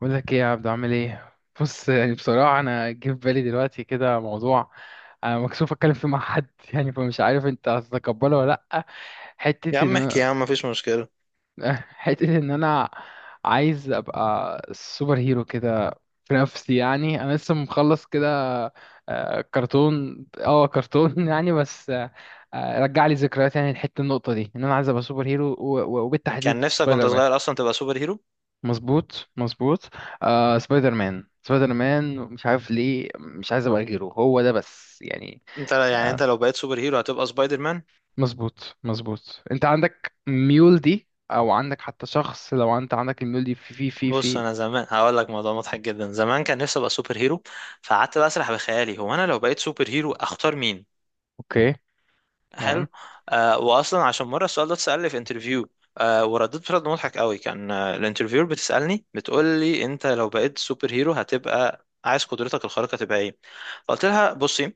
بقول لك ايه يا عبدو؟ عامل ايه؟ بص، يعني بصراحه انا جه في بالي دلوقتي كده موضوع انا مكسوف اتكلم فيه مع حد، يعني فمش عارف انت هتتقبله ولا لا. يا حته عم احكي، يا ان عم مفيش مشكلة. حته ان انا عايز ابقى سوبر هيرو كده في نفسي. يعني انا لسه مخلص كده كرتون كرتون. يعني، بس رجع لي ذكريات. يعني الحته، النقطه دي، ان انا عايز ابقى سوبر هيرو كان وبالتحديد نفسك وانت سبايدر مان. صغير اصلا تبقى سوبر هيرو. مظبوط مظبوط. آه، سبايدر مان سبايدر مان، مش عارف ليه مش عايز ابقى غيره، هو ده بس يعني. انت يعني انت آه، لو بقيت سوبر هيرو هتبقى سبايدر مان. مظبوط مظبوط. انت عندك ميول دي، او عندك حتى شخص لو انت عندك الميول دي في في في بص، في انا زمان هقول لك موضوع مضحك جدا. زمان كان نفسي ابقى سوبر هيرو، فقعدت بقى اسرح بخيالي هو انا لو بقيت سوبر هيرو اختار مين. اوكي، حلو. تمام، واصلا عشان مره السؤال ده اتسال لي في انترفيو. ورديت برد مضحك قوي، كان الانترفيور بتسالني بتقول لي انت لو بقيت سوبر هيرو هتبقى عايز قدرتك الخارقه تبقى ايه؟ فقلت لها بصي،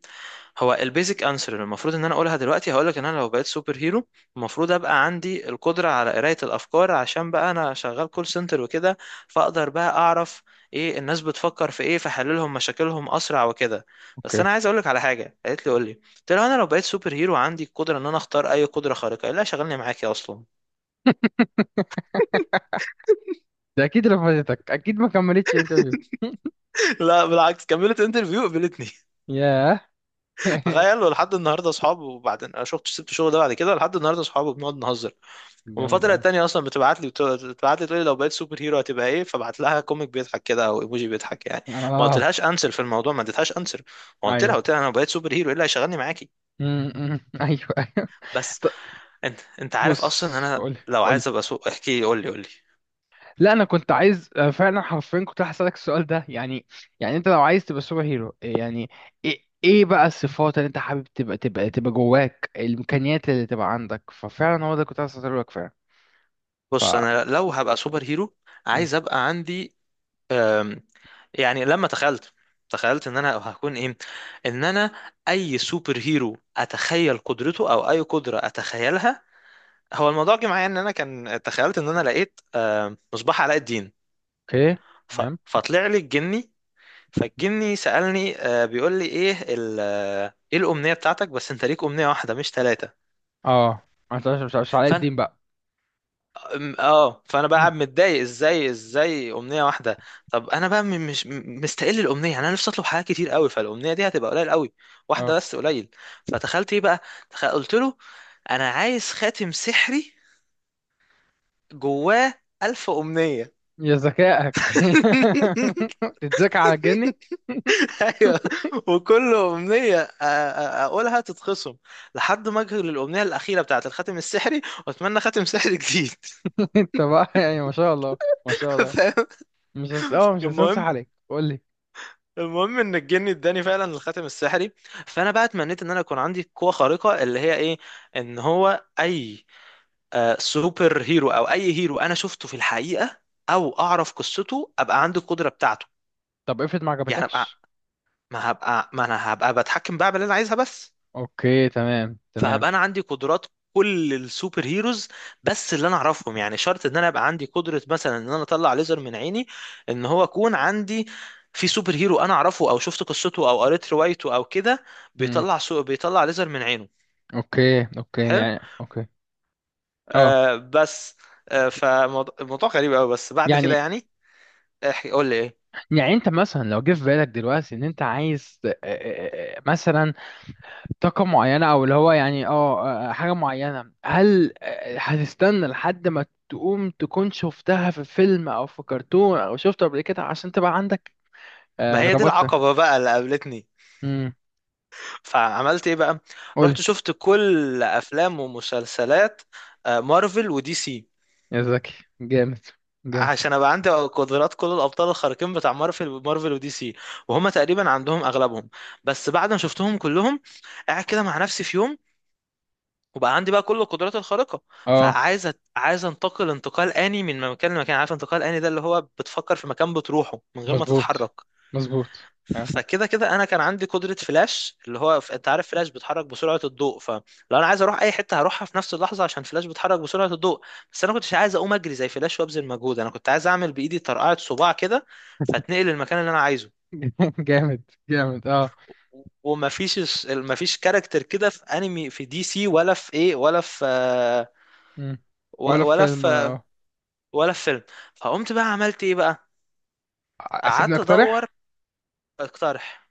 هو البيزك انسر اللي المفروض ان انا اقولها دلوقتي هقول لك ان انا لو بقيت سوبر هيرو المفروض ابقى عندي القدره على قرايه الافكار، عشان بقى انا شغال كول سنتر وكده، فاقدر بقى اعرف ايه الناس بتفكر في ايه فحللهم مشاكلهم اسرع وكده. بس اوكي. انا عايز اقول لك على حاجه. قالت لي قول لي، قلت له انا لو بقيت سوبر هيرو عندي القدره ان انا اختار اي قدره خارقه، قال لا شغلني معاك يا اصلا. ده اكيد رفضتك، اكيد ما كملتش انترفيو. لا بالعكس، كملت انترفيو، قبلتني. ياه. تخيل، ولحد النهارده اصحاب. وبعدين انا شفت سبت الشغل ده بعد كده، لحد النهارده اصحاب وبنقعد نهزر. ومن جامد فتره قوي. للتانيه اصلا بتبعت لي تقول لي لو بقيت سوبر هيرو هتبقى ايه، فبعت لها كوميك بيضحك كده او ايموجي بيضحك يعني. ما اه، قلتلهاش انسر في الموضوع، ما اديتهاش انسر. قلت لها ايوه. قلت لها انا لو بقيت سوبر هيرو ايه اللي هيشغلني معاكي. م- م. ايوه ايوه. بس طب انت عارف بص، اصلا انا قولي لو قولي. عايز ابقى احكي لي، قول لي قول لي. لا انا كنت عايز فعلا حرفيا كنت هسألك السؤال ده يعني. يعني انت لو عايز تبقى سوبر هيرو، يعني ايه، إيه بقى الصفات اللي انت حابب تبقى تبقى تبقى جواك، الامكانيات اللي تبقى عندك؟ ففعلا هو ده كنت عايز اسألك فعلا. ف بص، انا لو هبقى سوبر هيرو م. عايز ابقى عندي، أم، يعني لما تخيلت، تخيلت ان انا هكون ايه، ان انا اي سوبر هيرو اتخيل قدرته او اي قدرة اتخيلها. هو الموضوع جه معايا ان انا كان تخيلت ان انا لقيت مصباح علاء الدين، اوكي، تمام. فطلع لي الجني، فالجني سألني، بيقول لي ايه ايه الامنية بتاعتك، بس انت ليك امنية واحدة مش ثلاثة. اه، انت مش علاء الدين بقى. فانا بقى م. قاعد متضايق ازاي ازاي امنيه واحده. طب انا بقى مش مستقل الامنيه، يعني انا نفسي اطلب حاجات كتير قوي، فالامنيه دي هتبقى قليل قوي، واحده اه، بس قليل. فتخيلت ايه بقى؟ قلت له انا عايز خاتم سحري جواه 1000 أمنية. يا ذكائك. تتذكى على الجني. أيوة، وكل أمنية أقولها تتخصم لحد ما أجي للأمنية الأخيرة بتاعة الخاتم السحري، وأتمنى خاتم سحري جديد. انت بقى يعني ما شاء الله، ما شاء الله. فاهم. مش هس... اه مش هسنصح المهم، عليك. قول لي. المهم ان الجن اداني فعلا الخاتم السحري، فانا بقى اتمنيت ان انا يكون عندي قوه خارقه اللي هي ايه، ان هو اي سوبر هيرو او اي هيرو انا شفته في الحقيقه او اعرف قصته ابقى عندي القدره بتاعته. طب، افرض ما يعني ابقى، عجبتكش. ما هبقى، ما انا هبقى بتحكم بقى باللي انا عايزها بس. اوكي تمام تمام. فهبقى انا عندي قدرات كل السوبر هيروز، بس اللي انا اعرفهم، يعني شرط ان انا ابقى عندي قدرة مثلا ان انا اطلع ليزر من عيني، ان هو اكون عندي في سوبر هيرو انا اعرفه او شفت قصته او قريت روايته او كده امم، بيطلع بيطلع ليزر من عينه. اوكي اوكي، حلو. يعني اوكي. اه، بس. فالموضوع غريب قوي بس بعد كده يعني. يعني. احكي، قول لي ايه. يعني انت مثلا لو جه في بالك دلوقتي ان انت عايز مثلا طاقة معينة، او اللي هو يعني حاجة معينة، هل هتستنى لحد ما تقوم تكون شفتها في فيلم او في كرتون او شفته قبل كده عشان تبقى عندك؟ ما هي دي ربطت. العقبة بقى اللي قابلتني. امم، فعملت ايه بقى؟ قول. رحت شفت كل افلام ومسلسلات مارفل ودي سي، يا زكي، جامد جامد. عشان ابقى عندي قدرات كل الابطال الخارقين بتاع مارفل ودي سي، وهم تقريبا عندهم اغلبهم. بس بعد ما شفتهم كلهم، قاعد كده مع نفسي في يوم، وبقى عندي بقى كل القدرات الخارقة، اه، فعايز عايز انتقل انتقال آني من مكان لمكان. عارف انتقال آني ده اللي هو بتفكر في مكان بتروحه من غير ما مظبوط تتحرك؟ مظبوط. آه. فكده كده انا كان عندي قدره فلاش اللي هو انت عارف فلاش بيتحرك بسرعه الضوء، فلو انا عايز اروح اي حته هروحها في نفس اللحظه عشان فلاش بيتحرك بسرعه الضوء، بس انا كنتش عايز اقوم اجري زي فلاش وابذل مجهود، انا كنت عايز اعمل بايدي طرقعه صباع كده فاتنقل للمكان اللي انا عايزه. جامد جامد. اه. ومفيش مفيش كاركتر كده في انمي في دي سي ولا في ايه ولا في مم. ولا ولا فيلم في ولا ولا في فيلم. فقمت بقى عملت ايه بقى؟ سيبني قعدت ادور. اقترح. اقترح.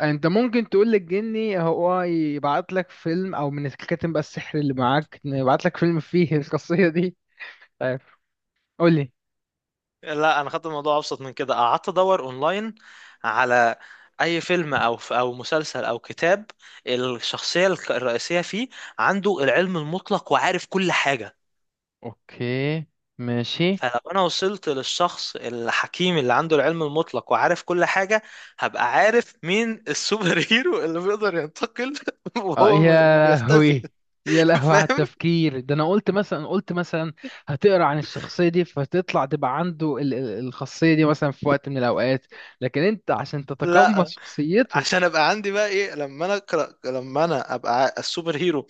انت ممكن تقول للجني هو يبعت لك فيلم، او من الكاتب بقى السحر اللي معاك يبعت لك فيلم فيه القصية دي. طيب، قول لي. لا، انا خدت الموضوع ابسط من كده، قعدت ادور اونلاين على اي فيلم او او مسلسل او كتاب الشخصيه الرئيسيه فيه عنده العلم المطلق وعارف كل حاجه. اوكي، ماشي. فلو انا وصلت للشخص الحكيم اللي عنده العلم المطلق وعارف كل حاجه، هبقى عارف مين السوبر هيرو اللي بيقدر ينتقل اه، وهو يا بيختفي. لهوي، يا لهوي على فاهم. التفكير ده. انا قلت مثلا، قلت مثلا هتقرا عن الشخصيه دي فتطلع تبقى عنده الخاصيه دي مثلا في وقت من الاوقات، لكن انت عشان تتقمص لا، شخصيته. عشان ابقى عندي بقى ايه لما انا اقرا لما انا ابقى السوبر هيرو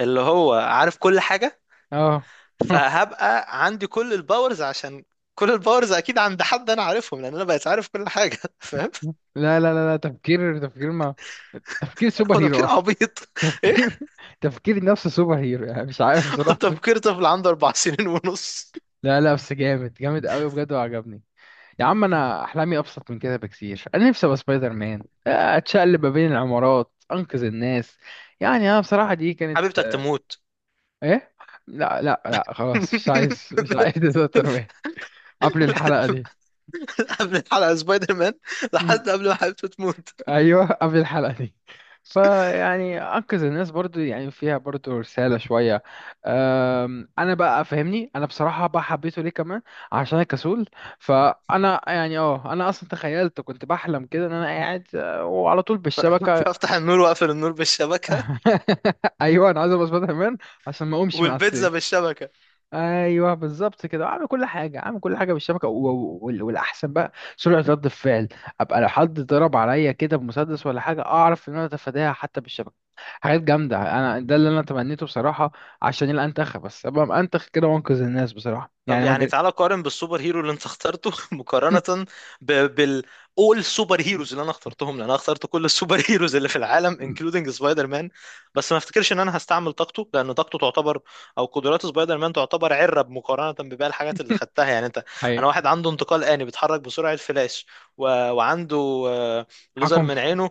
اللي هو عارف كل حاجه، اه. فهبقى عندي كل الباورز، عشان كل الباورز اكيد عند حد انا عارفهم لان انا بقيت عارف كل حاجه. فاهم. لا لا لا لا، تفكير تفكير ما، تفكير سوبر هو تفكير هيرو. عبيط. ايه، تفكير تفكير نفس سوبر هيرو، يعني مش عارف هو بصراحة. تفكير طفل عنده 4 سنين ونص. لا لا، بس جامد جامد قوي بجد وعجبني. يا عم انا احلامي ابسط من كده بكتير. انا نفسي ابقى سبايدر مان، اتشقلب ما بين العمارات، انقذ الناس. يعني انا بصراحة دي كانت حبيبتك تموت. ايه؟ لا لا لا، خلاص مش عايز مش عايز سبايدر مان قبل الحلقة دي. قبل الحلقه سبايدر مان لحد قبل ما حبيبته تموت. ايوه، قبل الحلقه دي. فيعني انقذ الناس، برضو يعني فيها برضو رساله شويه. انا بقى فاهمني، انا بصراحه بقى حبيته ليه كمان؟ عشان أنا كسول. فانا يعني اه انا اصلا تخيلت، كنت بحلم كده ان انا قاعد وعلى طول بالشبكه. فافتح النور واقفل النور بالشبكه، ايوه، انا عايز ابقى سبايدر مان عشان ما اقومش من على والبيتزا السرير. بالشبكه. ايوه بالظبط كده، اعمل كل حاجه، اعمل كل حاجه بالشبكه. والاحسن بقى سرعه رد الفعل. ابقى لو حد ضرب عليا كده بمسدس ولا حاجه، اعرف ان انا اتفاداها حتى بالشبكه، حاجات جامده. انا ده اللي انا تمنيته بصراحه، عشان يبقى انتخ، بس ابقى انتخ كده وانقذ الناس. بصراحه طب يعني ما يعني جا- تعالى قارن بالسوبر هيرو اللي انت اخترته، مقارنة ب... بال all سوبر هيروز اللي انا اخترتهم، لان انا اخترت كل السوبر هيروز اللي في العالم including سبايدر مان، بس ما افتكرش ان انا هستعمل طاقته لان طاقته تعتبر، او قدرات سبايدر مان تعتبر عرة مقارنة بباقي الحاجات اللي خدتها يعني. انت انا حقيقي. واحد عنده انتقال آني بيتحرك بسرعة فلاش، و... وعنده ليزر حكم من في عينه،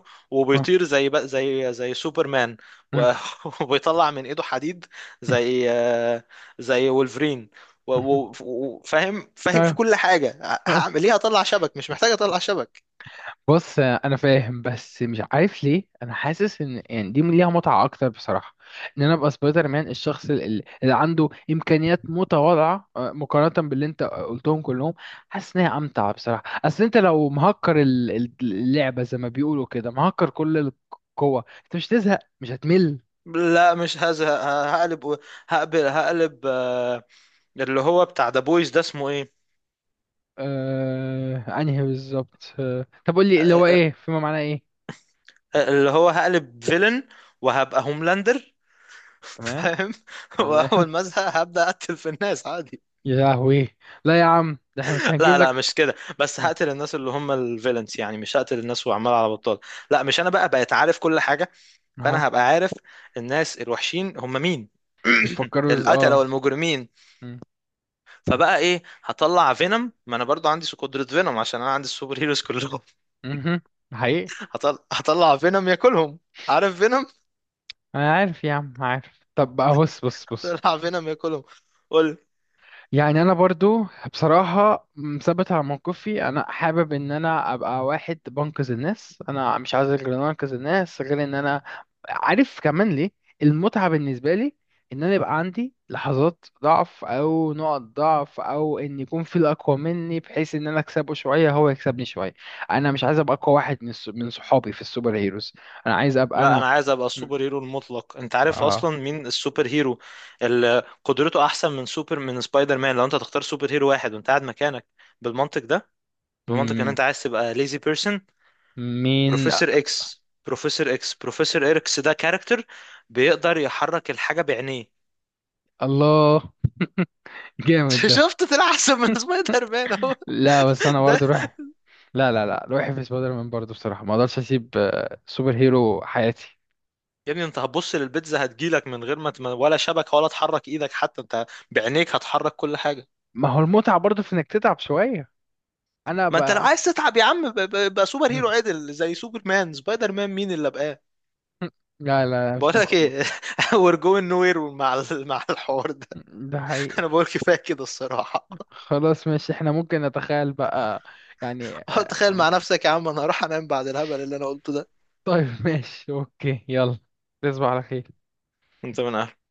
آه. وبيطير زي بق- زي زي سوبر مان، و... وبيطلع من ايده حديد زي زي وولفرين، وفاهم آه. فاهم في آه. كل حاجة. آه. هعمل ايه، هطلع شبك؟ مش محتاج اطلع شبك. بص انا فاهم، بس مش عارف ليه انا حاسس ان يعني دي ليها متعه اكتر بصراحه. ان انا ابقى سبايدر مان، الشخص اللي عنده امكانيات متواضعه مقارنه باللي انت قلتهم كلهم. حاسس ان هي امتع بصراحه. اصل انت لو مهكر اللعبه، زي ما بيقولوا كده، مهكر كل القوه، انت مش هتزهق، مش هتمل. لا، مش هزهق، هقلب اللي هو بتاع ذا بويز ده اسمه ايه، آه، انهي بالظبط؟ آه، طب قول لي آه، اللي هو آه، ايه فيما معناه ايه؟ اللي هو هقلب فيلن وهبقى هوملاندر. تمام فاهم. تمام. واول ما ازهق هبدا اقتل في الناس عادي. يا لهوي، لا يا عم، ده احنا مش هنجيب لا لا، لك. مش كده، بس هقتل الناس اللي هم الفيلنس، يعني مش هقتل الناس وعمال على بطال. لا، مش، انا بقى بقيت عارف كل حاجة، فانا هبقى عارف الناس الوحشين هم مين، بيفكروا از، القتلة اه. والمجرمين. مم. فبقى ايه، هطلع فينوم، ما انا برضو عندي قدرة فينوم عشان انا عندي السوبر هيروز كلهم. مهم. حقيقي. هطلع فينوم ياكلهم. عارف فينوم. انا عارف يا عم، عارف. طب بقى بص بص بص. هطلع فينوم ياكلهم. قول. يعني انا برضو بصراحة مثبت على موقفي، انا حابب ان انا ابقى واحد بنقذ الناس. انا مش عايز غير ان انا انقذ الناس، غير ان انا عارف كمان ليه المتعة بالنسبة لي؟ ان انا يبقى عندي لحظات ضعف، او نقط ضعف، او ان يكون في الاقوى مني، بحيث ان انا اكسبه شوية هو يكسبني شوية. انا مش عايز ابقى اقوى واحد من صحابي في السوبر هيروز، انا عايز ابقى لا، انا. انا عايز ابقى مم. السوبر هيرو المطلق. انت عارف اه. اصلا مين السوبر هيرو اللي قدرته احسن من سوبر من سبايدر مان لو انت تختار سوبر هيرو واحد وانت قاعد مكانك بالمنطق ده، بمنطق ان انت مم. عايز تبقى ليزي بيرسون؟ مين؟ بروفيسور اكس ده كاركتر بيقدر يحرك الحاجة بعينيه. الله، جامد ده. شفت، طلع احسن من سبايدر مان اهو لا بس انا ده. برضه روحي، لا لا لا، روحي في سبايدر مان برضه بصراحه، ما اقدرش اسيب سوبر هيرو حياتي. يا ابني، انت هتبص للبيتزا هتجيلك من غير ما ولا شبكة ولا تحرك ايدك، حتى انت بعينيك هتحرك كل حاجة. ما هو المتعه برضه في انك تتعب شويه. انا ما انت لو بقى عايز تتعب يا عم، بقى سوبر هيرو مم. عدل زي سوبر مان. سبايدر مان مين اللي بقاه. لا لا، بقول مش مخ... لك مخ- ايه، وير جوينج نو وير مع مع الحوار ده. ده حقيقي. انا بقول كفايه كده الصراحه. خلاص ماشي، احنا ممكن نتخيل بقى، يعني تخيل مع نفسك يا عم، انا هروح انام بعد الهبل اللي انا قلته ده. طيب ماشي، اوكي، يلا، تصبح على خير. انت من